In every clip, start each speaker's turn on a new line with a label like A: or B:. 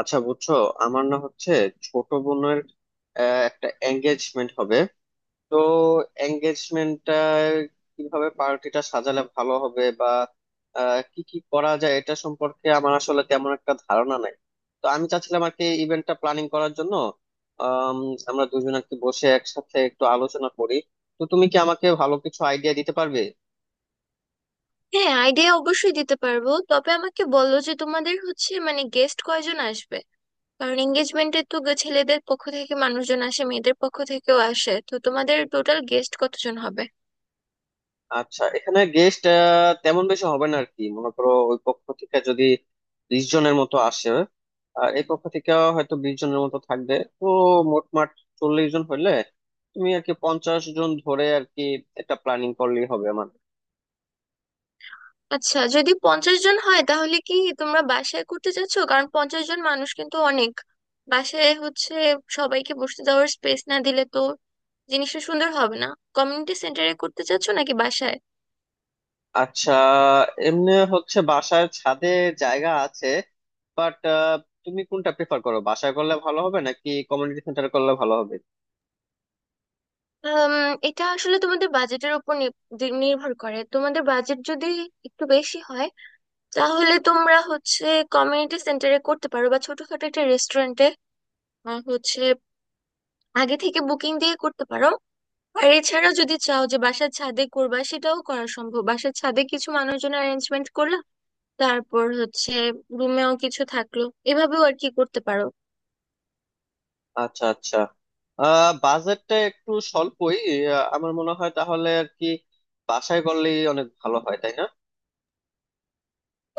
A: আচ্ছা, বুঝছো, আমার না হচ্ছে ছোট বোনের একটা এঙ্গেজমেন্ট হবে। তো এঙ্গেজমেন্টটা কিভাবে পার্টিটা সাজালে ভালো হবে, বা কি কি করা যায় এটা সম্পর্কে আমার আসলে তেমন একটা ধারণা নাই। তো আমি চাচ্ছিলাম আর কি ইভেন্টটা প্ল্যানিং করার জন্য আম, আমরা দুজন আর কি বসে একসাথে একটু আলোচনা করি। তো তুমি কি আমাকে ভালো কিছু আইডিয়া দিতে পারবে?
B: হ্যাঁ আইডিয়া অবশ্যই দিতে পারবো। তবে আমাকে বলো যে তোমাদের হচ্ছে মানে গেস্ট কয়জন আসবে। কারণ এঙ্গেজমেন্টে তো ছেলেদের পক্ষ থেকে মানুষজন আসে, মেয়েদের পক্ষ থেকেও আসে। তো তোমাদের টোটাল গেস্ট কতজন হবে?
A: আচ্ছা, এখানে গেস্ট তেমন বেশি হবে না আর কি। মনে করো ওই পক্ষ থেকে যদি 20 জনের মতো আসে, আর এই পক্ষ থেকে হয়তো 20 জনের মতো থাকবে, তো মোটমাট 40 জন হইলে, তুমি আর কি 50 জন ধরে আর কি এটা প্ল্যানিং করলেই হবে আমার।
B: আচ্ছা, যদি 50 জন হয় তাহলে কি তোমরা বাসায় করতে চাচ্ছ? কারণ 50 জন মানুষ কিন্তু অনেক। বাসায় হচ্ছে সবাইকে বসতে দেওয়ার স্পেস না দিলে তো জিনিসটা সুন্দর হবে না। কমিউনিটি সেন্টারে করতে চাচ্ছ নাকি বাসায়?
A: আচ্ছা, এমনি হচ্ছে বাসার ছাদে জায়গা আছে, বাট তুমি কোনটা প্রেফার করো, বাসায় করলে ভালো হবে নাকি কমিউনিটি সেন্টারে করলে ভালো হবে?
B: আম, এটা আসলে তোমাদের বাজেটের উপর নির্ভর করে। তোমাদের বাজেট যদি একটু বেশি হয় তাহলে তোমরা হচ্ছে কমিউনিটি সেন্টারে করতে পারো, বা ছোটখাটো একটা রেস্টুরেন্টে হচ্ছে আগে থেকে বুকিং দিয়ে করতে পারো। আর এছাড়া যদি চাও যে বাসার ছাদে করবা সেটাও করা সম্ভব। বাসার ছাদে কিছু মানুষজন অ্যারেঞ্জমেন্ট করলা, তারপর হচ্ছে রুমেও কিছু থাকলো, এভাবেও আর কি করতে পারো।
A: আচ্ছা আচ্ছা, বাজেটটা একটু স্বল্পই। আমার মনে হয় তাহলে আর কি বাসায় করলেই অনেক ভালো হয়, তাই না?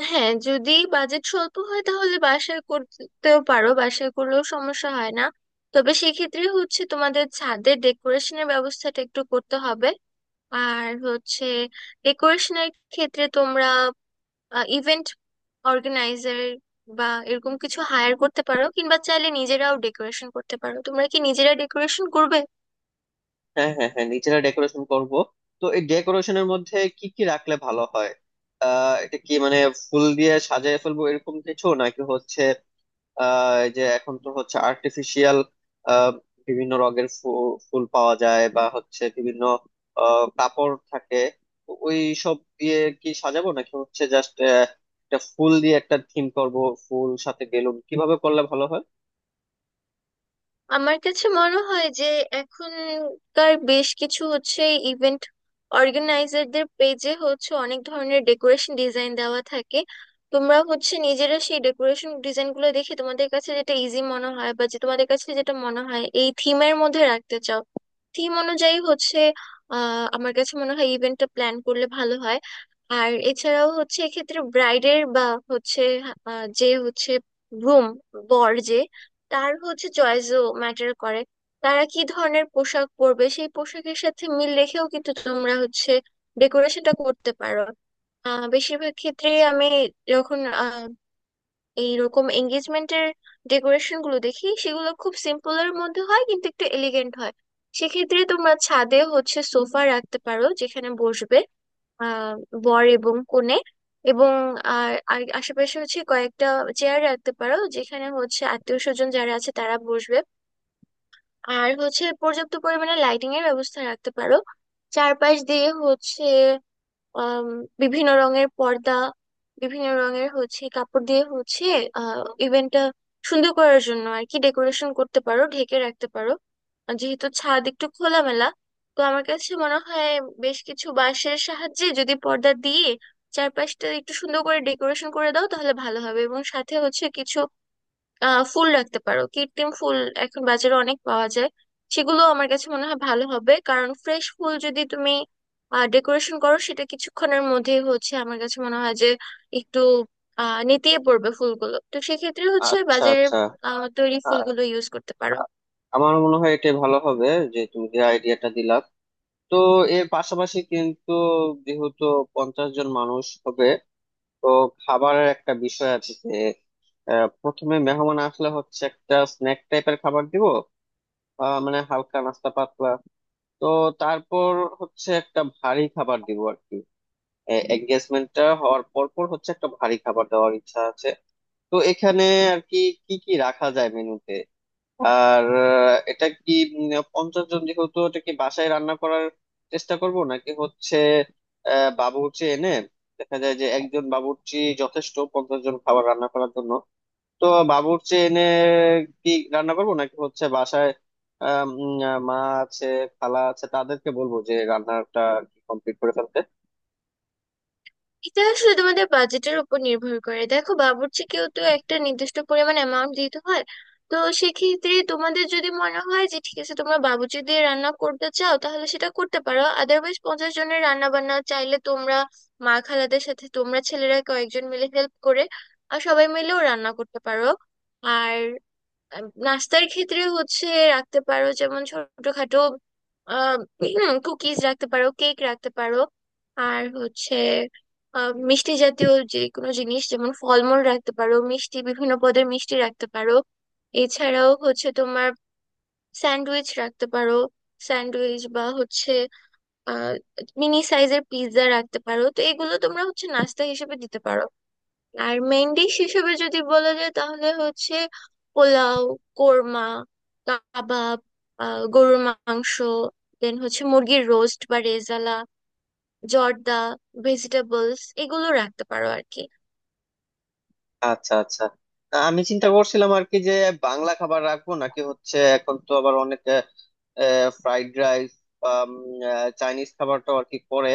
B: হ্যাঁ, যদি বাজেট স্বল্প হয় তাহলে বাসায় করতেও পারো। বাসায় করলেও সমস্যা হয় না। তবে সেক্ষেত্রে হচ্ছে তোমাদের ছাদের ডেকোরেশনের ব্যবস্থাটা একটু করতে হবে। আর হচ্ছে ডেকোরেশনের ক্ষেত্রে তোমরা ইভেন্ট অর্গানাইজার বা এরকম কিছু হায়ার করতে পারো, কিংবা চাইলে নিজেরাও ডেকোরেশন করতে পারো। তোমরা কি নিজেরা ডেকোরেশন করবে?
A: হ্যাঁ হ্যাঁ হ্যাঁ, নিজেরা ডেকোরেশন করব। তো এই ডেকোরেশনের মধ্যে কি কি রাখলে ভালো হয়? এটা কি মানে ফুল দিয়ে সাজায় ফেলবো এরকম কিছু, নাকি হচ্ছে এই যে এখন তো হচ্ছে আর্টিফিশিয়াল বিভিন্ন রঙের ফুল পাওয়া যায়, বা হচ্ছে বিভিন্ন কাপড় থাকে, তো ওই সব দিয়ে কি সাজাবো, নাকি হচ্ছে জাস্ট একটা ফুল দিয়ে একটা থিম করব, ফুল সাথে বেলুন? কিভাবে করলে ভালো হয়?
B: আমার কাছে মনে হয় যে এখনকার বেশ কিছু হচ্ছে ইভেন্ট অর্গানাইজারদের পেজে হচ্ছে অনেক ধরনের ডেকোরেশন ডিজাইন দেওয়া থাকে। তোমরা হচ্ছে নিজেরা সেই ডেকোরেশন ডিজাইন গুলো দেখে তোমাদের কাছে যেটা ইজি মনে হয় বা যে তোমাদের কাছে যেটা মনে হয় এই থিমের মধ্যে রাখতে চাও থিম অনুযায়ী হচ্ছে আমার কাছে মনে হয় ইভেন্টটা প্ল্যান করলে ভালো হয়। আর এছাড়াও হচ্ছে এক্ষেত্রে ব্রাইডের বা হচ্ছে যে হচ্ছে গ্রুম, বর, যে তার হচ্ছে চয়েসও ম্যাটার করে। তারা কি ধরনের পোশাক পরবে সেই পোশাকের সাথে মিল রেখেও কিন্তু তোমরা হচ্ছে ডেকোরেশনটা করতে পারো। বেশিরভাগ ক্ষেত্রে আমি যখন এইরকম এঙ্গেজমেন্টের ডেকোরেশন গুলো দেখি সেগুলো খুব সিম্পল এর মধ্যে হয় কিন্তু একটু এলিগেন্ট হয়। সেক্ষেত্রে তোমরা ছাদে হচ্ছে সোফা রাখতে পারো যেখানে বসবে আহ বর এবং কনে। এবং আর আর আশেপাশে হচ্ছে কয়েকটা চেয়ার রাখতে পারো যেখানে হচ্ছে আত্মীয় স্বজন যারা আছে তারা বসবে। আর হচ্ছে পর্যাপ্ত পরিমাণে লাইটিং এর ব্যবস্থা রাখতে পারো চারপাশ দিয়ে হচ্ছে আম, বিভিন্ন রঙের পর্দা, বিভিন্ন রঙের হচ্ছে কাপড় দিয়ে হচ্ছে ইভেন্টটা সুন্দর করার জন্য আর কি ডেকোরেশন করতে পারো, ঢেকে রাখতে পারো। আর যেহেতু ছাদ একটু খোলামেলা তো আমার কাছে মনে হয় বেশ কিছু বাঁশের সাহায্যে যদি পর্দা দিয়ে চারপাশটা একটু সুন্দর করে ডেকোরেশন করে দাও তাহলে ভালো হবে। এবং সাথে হচ্ছে কিছু ফুল রাখতে পারো, কৃত্রিম ফুল এখন বাজারে অনেক পাওয়া যায়। সেগুলো আমার কাছে মনে হয় ভালো হবে কারণ ফ্রেশ ফুল যদি তুমি ডেকোরেশন করো সেটা কিছুক্ষণের মধ্যেই হচ্ছে আমার কাছে মনে হয় যে একটু নেতিয়ে পড়বে ফুলগুলো। তো সেক্ষেত্রে হচ্ছে
A: আচ্ছা
B: বাজারে
A: আচ্ছা,
B: তৈরি
A: আ-
B: ফুলগুলো ইউজ করতে পারো।
A: আমার মনে হয় এটা ভালো হবে যে তুমি যে আইডিয়াটা দিলা। তো এর পাশাপাশি কিন্তু যেহেতু 50 জন মানুষ হবে, তো খাবারের একটা বিষয় আছে। প্রথমে মেহমান আসলে হচ্ছে একটা স্ন্যাক টাইপের খাবার দিব, মানে হালকা নাস্তা পাতলা। তো তারপর হচ্ছে একটা ভারী খাবার দিব আর কি। এঙ্গেজমেন্টটা হওয়ার পর পর হচ্ছে একটা ভারী খাবার দেওয়ার ইচ্ছা আছে। তো এখানে আর কি কি কি রাখা যায় মেনুতে? আর এটা কি 50 জন যেহেতু, এটা কি বাসায় রান্না করার চেষ্টা করব, নাকি হচ্ছে বাবুর্চি এনে? দেখা যায় যে একজন বাবুর্চি যথেষ্ট 50 জন খাবার রান্না করার জন্য। তো বাবুর্চি এনে কি রান্না করবো, নাকি হচ্ছে বাসায় আম, উম, মা আছে, খালা আছে, তাদেরকে বলবো যে রান্নাটা কমপ্লিট করে ফেলতে।
B: এটা আসলে তোমাদের বাজেটের উপর নির্ভর করে। দেখো, বাবুর্চিকেও তো একটা নির্দিষ্ট পরিমাণ অ্যামাউন্ট দিতে হয়। তো সেক্ষেত্রে তোমাদের যদি মনে হয় যে ঠিক আছে তোমরা বাবুর্চি দিয়ে রান্না করতে চাও তাহলে সেটা করতে পারো, আদারওয়াইজ 50 জনের রান্না বান্না চাইলে তোমরা মা খালাদের সাথে তোমরা ছেলেরা কয়েকজন মিলে হেল্প করে আর সবাই মিলেও রান্না করতে পারো। আর নাস্তার ক্ষেত্রে হচ্ছে রাখতে পারো যেমন ছোটখাটো কুকিজ রাখতে পারো, কেক রাখতে পারো। আর হচ্ছে মিষ্টি জাতীয় যে কোনো জিনিস যেমন ফলমূল রাখতে পারো, মিষ্টি, বিভিন্ন পদের মিষ্টি রাখতে পারো। এছাড়াও হচ্ছে তোমার স্যান্ডউইচ রাখতে পারো, স্যান্ডউইচ বা হচ্ছে আহ মিনি সাইজের পিৎজা রাখতে পারো। তো এগুলো তোমরা হচ্ছে নাস্তা হিসেবে দিতে পারো। আর মেইন ডিশ হিসেবে যদি বলা যায় তাহলে হচ্ছে পোলাও, কোরমা, কাবাব, গরুর মাংস, দেন হচ্ছে মুরগির রোস্ট বা রেজালা, জর্দা, ভেজিটেবলস এগুলো রাখতে পারো আর কি।
A: আচ্ছা আচ্ছা, আমি চিন্তা করছিলাম আর কি যে বাংলা খাবার রাখবো, নাকি হচ্ছে এখন তো আবার অনেক ফ্রাইড রাইস, চাইনিজ খাবারটাও আর কি করে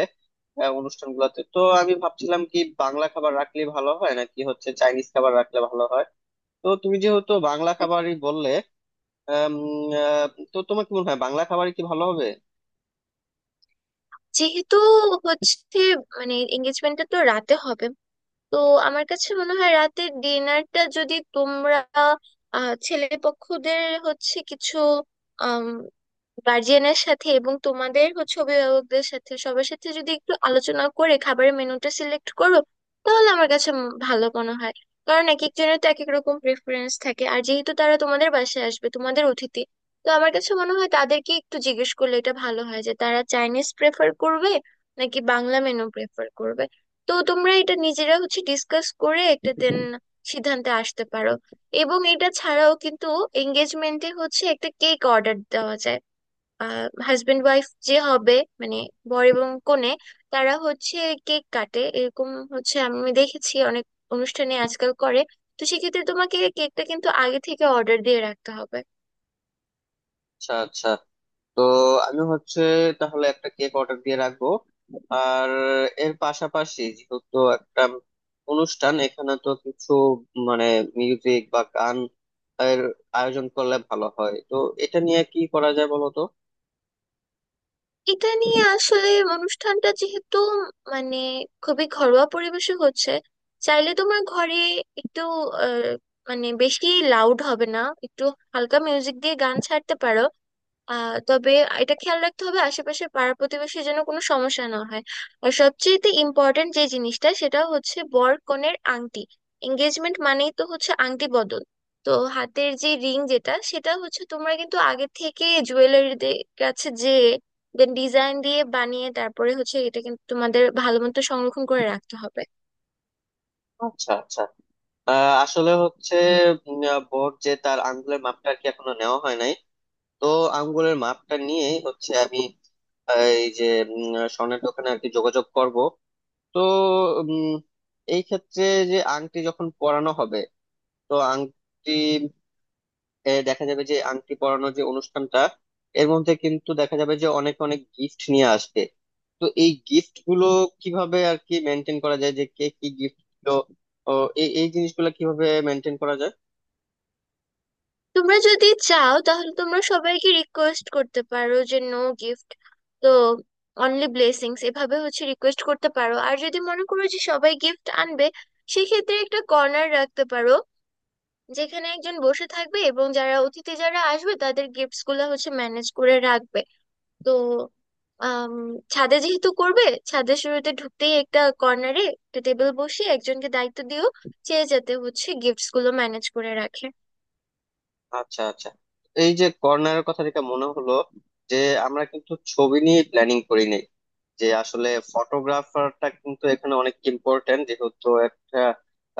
A: অনুষ্ঠানগুলোতে। তো আমি ভাবছিলাম কি বাংলা খাবার রাখলে ভালো হয়, নাকি হচ্ছে চাইনিজ খাবার রাখলে ভালো হয়? তো তুমি যেহেতু বাংলা
B: তা,
A: খাবারই বললে, আম, আহ, তো তোমার কি মনে হয়, বাংলা খাবারই কি ভালো হবে?
B: যেহেতু হচ্ছে মানে এঙ্গেজমেন্টটা তো রাতে হবে তো আমার কাছে মনে হয় রাতে ডিনারটা যদি তোমরা ছেলে পক্ষদের হচ্ছে কিছু গার্জিয়ানের সাথে এবং তোমাদের হচ্ছে অভিভাবকদের সাথে সবার সাথে যদি একটু আলোচনা করে খাবারের মেনুটা সিলেক্ট করো তাহলে আমার কাছে ভালো মনে হয়। কারণ এক একজনের তো এক এক রকম প্রেফারেন্স থাকে। আর যেহেতু তারা তোমাদের বাসায় আসবে, তোমাদের অতিথি, তো আমার কাছে মনে হয় তাদেরকে একটু জিজ্ঞেস করলে এটা ভালো হয় যে তারা চাইনিজ প্রেফার করবে নাকি বাংলা মেনু প্রেফার করবে। তো তোমরা এটা নিজেরা হচ্ছে ডিসকাস করে একটা দেন সিদ্ধান্তে আসতে পারো। এবং এটা ছাড়াও কিন্তু এঙ্গেজমেন্টে হচ্ছে একটা কেক অর্ডার দেওয়া যায়। হাজবেন্ড ওয়াইফ যে হবে মানে বর এবং কনে, তারা হচ্ছে কেক কাটে এরকম হচ্ছে আমি দেখেছি অনেক অনুষ্ঠানে আজকাল করে। তো সেক্ষেত্রে তোমাকে কেকটা কিন্তু আগে থেকে অর্ডার দিয়ে রাখতে হবে।
A: আচ্ছা আচ্ছা, তো আমি হচ্ছে তাহলে একটা কেক অর্ডার দিয়ে রাখবো। আর এর পাশাপাশি যেহেতু একটা অনুষ্ঠান, এখানে তো কিছু মানে মিউজিক বা গান এর আয়োজন করলে ভালো হয়। তো এটা নিয়ে কি করা যায় বলো তো?
B: এটা নিয়ে আসলে অনুষ্ঠানটা যেহেতু মানে খুবই ঘরোয়া পরিবেশে হচ্ছে চাইলে তোমার ঘরে একটু আহ, মানে বেশি লাউড হবে না, একটু হালকা মিউজিক দিয়ে গান ছাড়তে পারো। তবে এটা খেয়াল রাখতে হবে আশেপাশে পাড়া প্রতিবেশীর যেন কোনো সমস্যা না হয়। আর সবচেয়েতে ইম্পর্টেন্ট যে জিনিসটা সেটা হচ্ছে বর কনের আংটি। এঙ্গেজমেন্ট মানেই তো হচ্ছে আংটি বদল। তো হাতের যে রিং যেটা সেটা হচ্ছে তোমরা কিন্তু আগে থেকে জুয়েলারিদের কাছে যে দেন ডিজাইন দিয়ে বানিয়ে তারপরে হচ্ছে এটা কিন্তু তোমাদের ভালো মতো সংরক্ষণ করে রাখতে হবে।
A: আচ্ছা আচ্ছা, আসলে হচ্ছে বর যে তার আঙ্গুলের মাপটা আর কি এখনো নেওয়া হয় নাই। তো আঙ্গুলের মাপটা নিয়ে হচ্ছে আমি এই যে উম, স্বর্ণের দোকানে আর কি যোগাযোগ করব। তো উম, এই ক্ষেত্রে যে আংটি যখন পরানো হবে, তো আংটি দেখা যাবে যে আংটি পরানোর যে অনুষ্ঠানটা, এর মধ্যে কিন্তু দেখা যাবে যে অনেক অনেক গিফট নিয়ে আসবে। তো এই গিফট গুলো কিভাবে আর কি মেনটেন করা যায় যে কে কি গিফট দিলো? ও, এই এই জিনিসগুলো কিভাবে মেনটেন করা যায়?
B: তোমরা যদি চাও তাহলে তোমরা সবাইকে রিকোয়েস্ট করতে পারো যে নো গিফট, তো অনলি ব্লেসিংস এভাবে হচ্ছে রিকোয়েস্ট করতে পারো। আর যদি মনে করো যে সবাই গিফট আনবে সেক্ষেত্রে একটা কর্নার রাখতে পারো যেখানে একজন বসে থাকবে এবং যারা অতিথি যারা আসবে তাদের গিফটস গুলো হচ্ছে ম্যানেজ করে রাখবে। তো আম, ছাদে যেহেতু করবে ছাদের শুরুতে ঢুকতেই একটা কর্নারে একটা টেবিল বসিয়ে একজনকে দায়িত্ব দিও সে যাতে হচ্ছে গিফটস গুলো ম্যানেজ করে রাখে।
A: আচ্ছা আচ্ছা, এই যে কর্নারের কথা যেটা মনে হলো, যে আমরা কিন্তু ছবি নিয়ে প্ল্যানিং করিনি, যে আসলে ফটোগ্রাফারটা কিন্তু এখানে অনেক ইম্পর্টেন্ট, যেহেতু একটা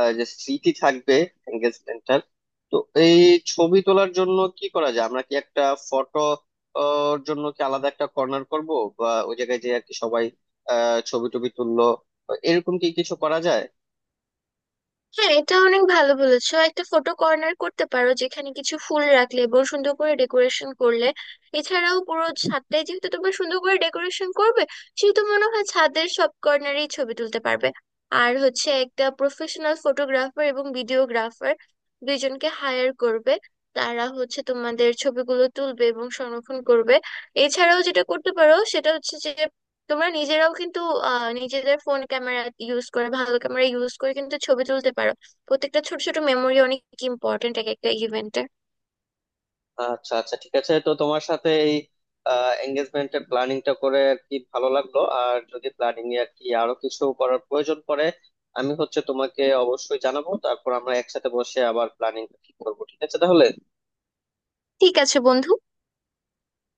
A: যে স্মৃতি থাকবে এঙ্গেজমেন্টটার। তো এই ছবি তোলার জন্য কি করা যায়, আমরা কি একটা ফটো ওর জন্য কি আলাদা একটা কর্নার করব, বা ওই জায়গায় যে আর কি সবাই ছবি টবি তুললো, এরকম কি কিছু করা যায়?
B: হ্যাঁ, এটা অনেক ভালো বলেছো। একটা ফটো কর্নার করতে পারো যেখানে কিছু ফুল রাখলে এবং সুন্দর করে ডেকোরেশন করলে, এছাড়াও পুরো ছাদটাই যেহেতু তোমরা সুন্দর করে ডেকোরেশন করবে সেহেতু মনে হয় ছাদের সব কর্নারেই ছবি তুলতে পারবে। আর হচ্ছে একটা প্রফেশনাল ফটোগ্রাফার এবং ভিডিওগ্রাফার দুইজনকে হায়ার করবে। তারা হচ্ছে তোমাদের ছবিগুলো তুলবে এবং সংরক্ষণ করবে। এছাড়াও যেটা করতে পারো সেটা হচ্ছে যে তোমরা নিজেরাও কিন্তু নিজেদের ফোন ক্যামেরা ইউজ করে, ভালো ক্যামেরা ইউজ করে কিন্তু ছবি তুলতে পারো। প্রত্যেকটা ছোট ছোট মেমোরি অনেক ইম্পর্ট্যান্ট এক একটা ইভেন্টে।
A: আচ্ছা আচ্ছা, ঠিক আছে। তো তোমার সাথে এই এঙ্গেজমেন্টের প্ল্যানিংটা করে আর কি ভালো লাগলো। আর যদি প্ল্যানিং এ আর কি আরো কিছু করার প্রয়োজন পড়ে, আমি হচ্ছে তোমাকে অবশ্যই জানাবো। তারপর আমরা একসাথে বসে আবার প্ল্যানিং ঠিক করবো। ঠিক আছে তাহলে।
B: ঠিক আছে বন্ধু।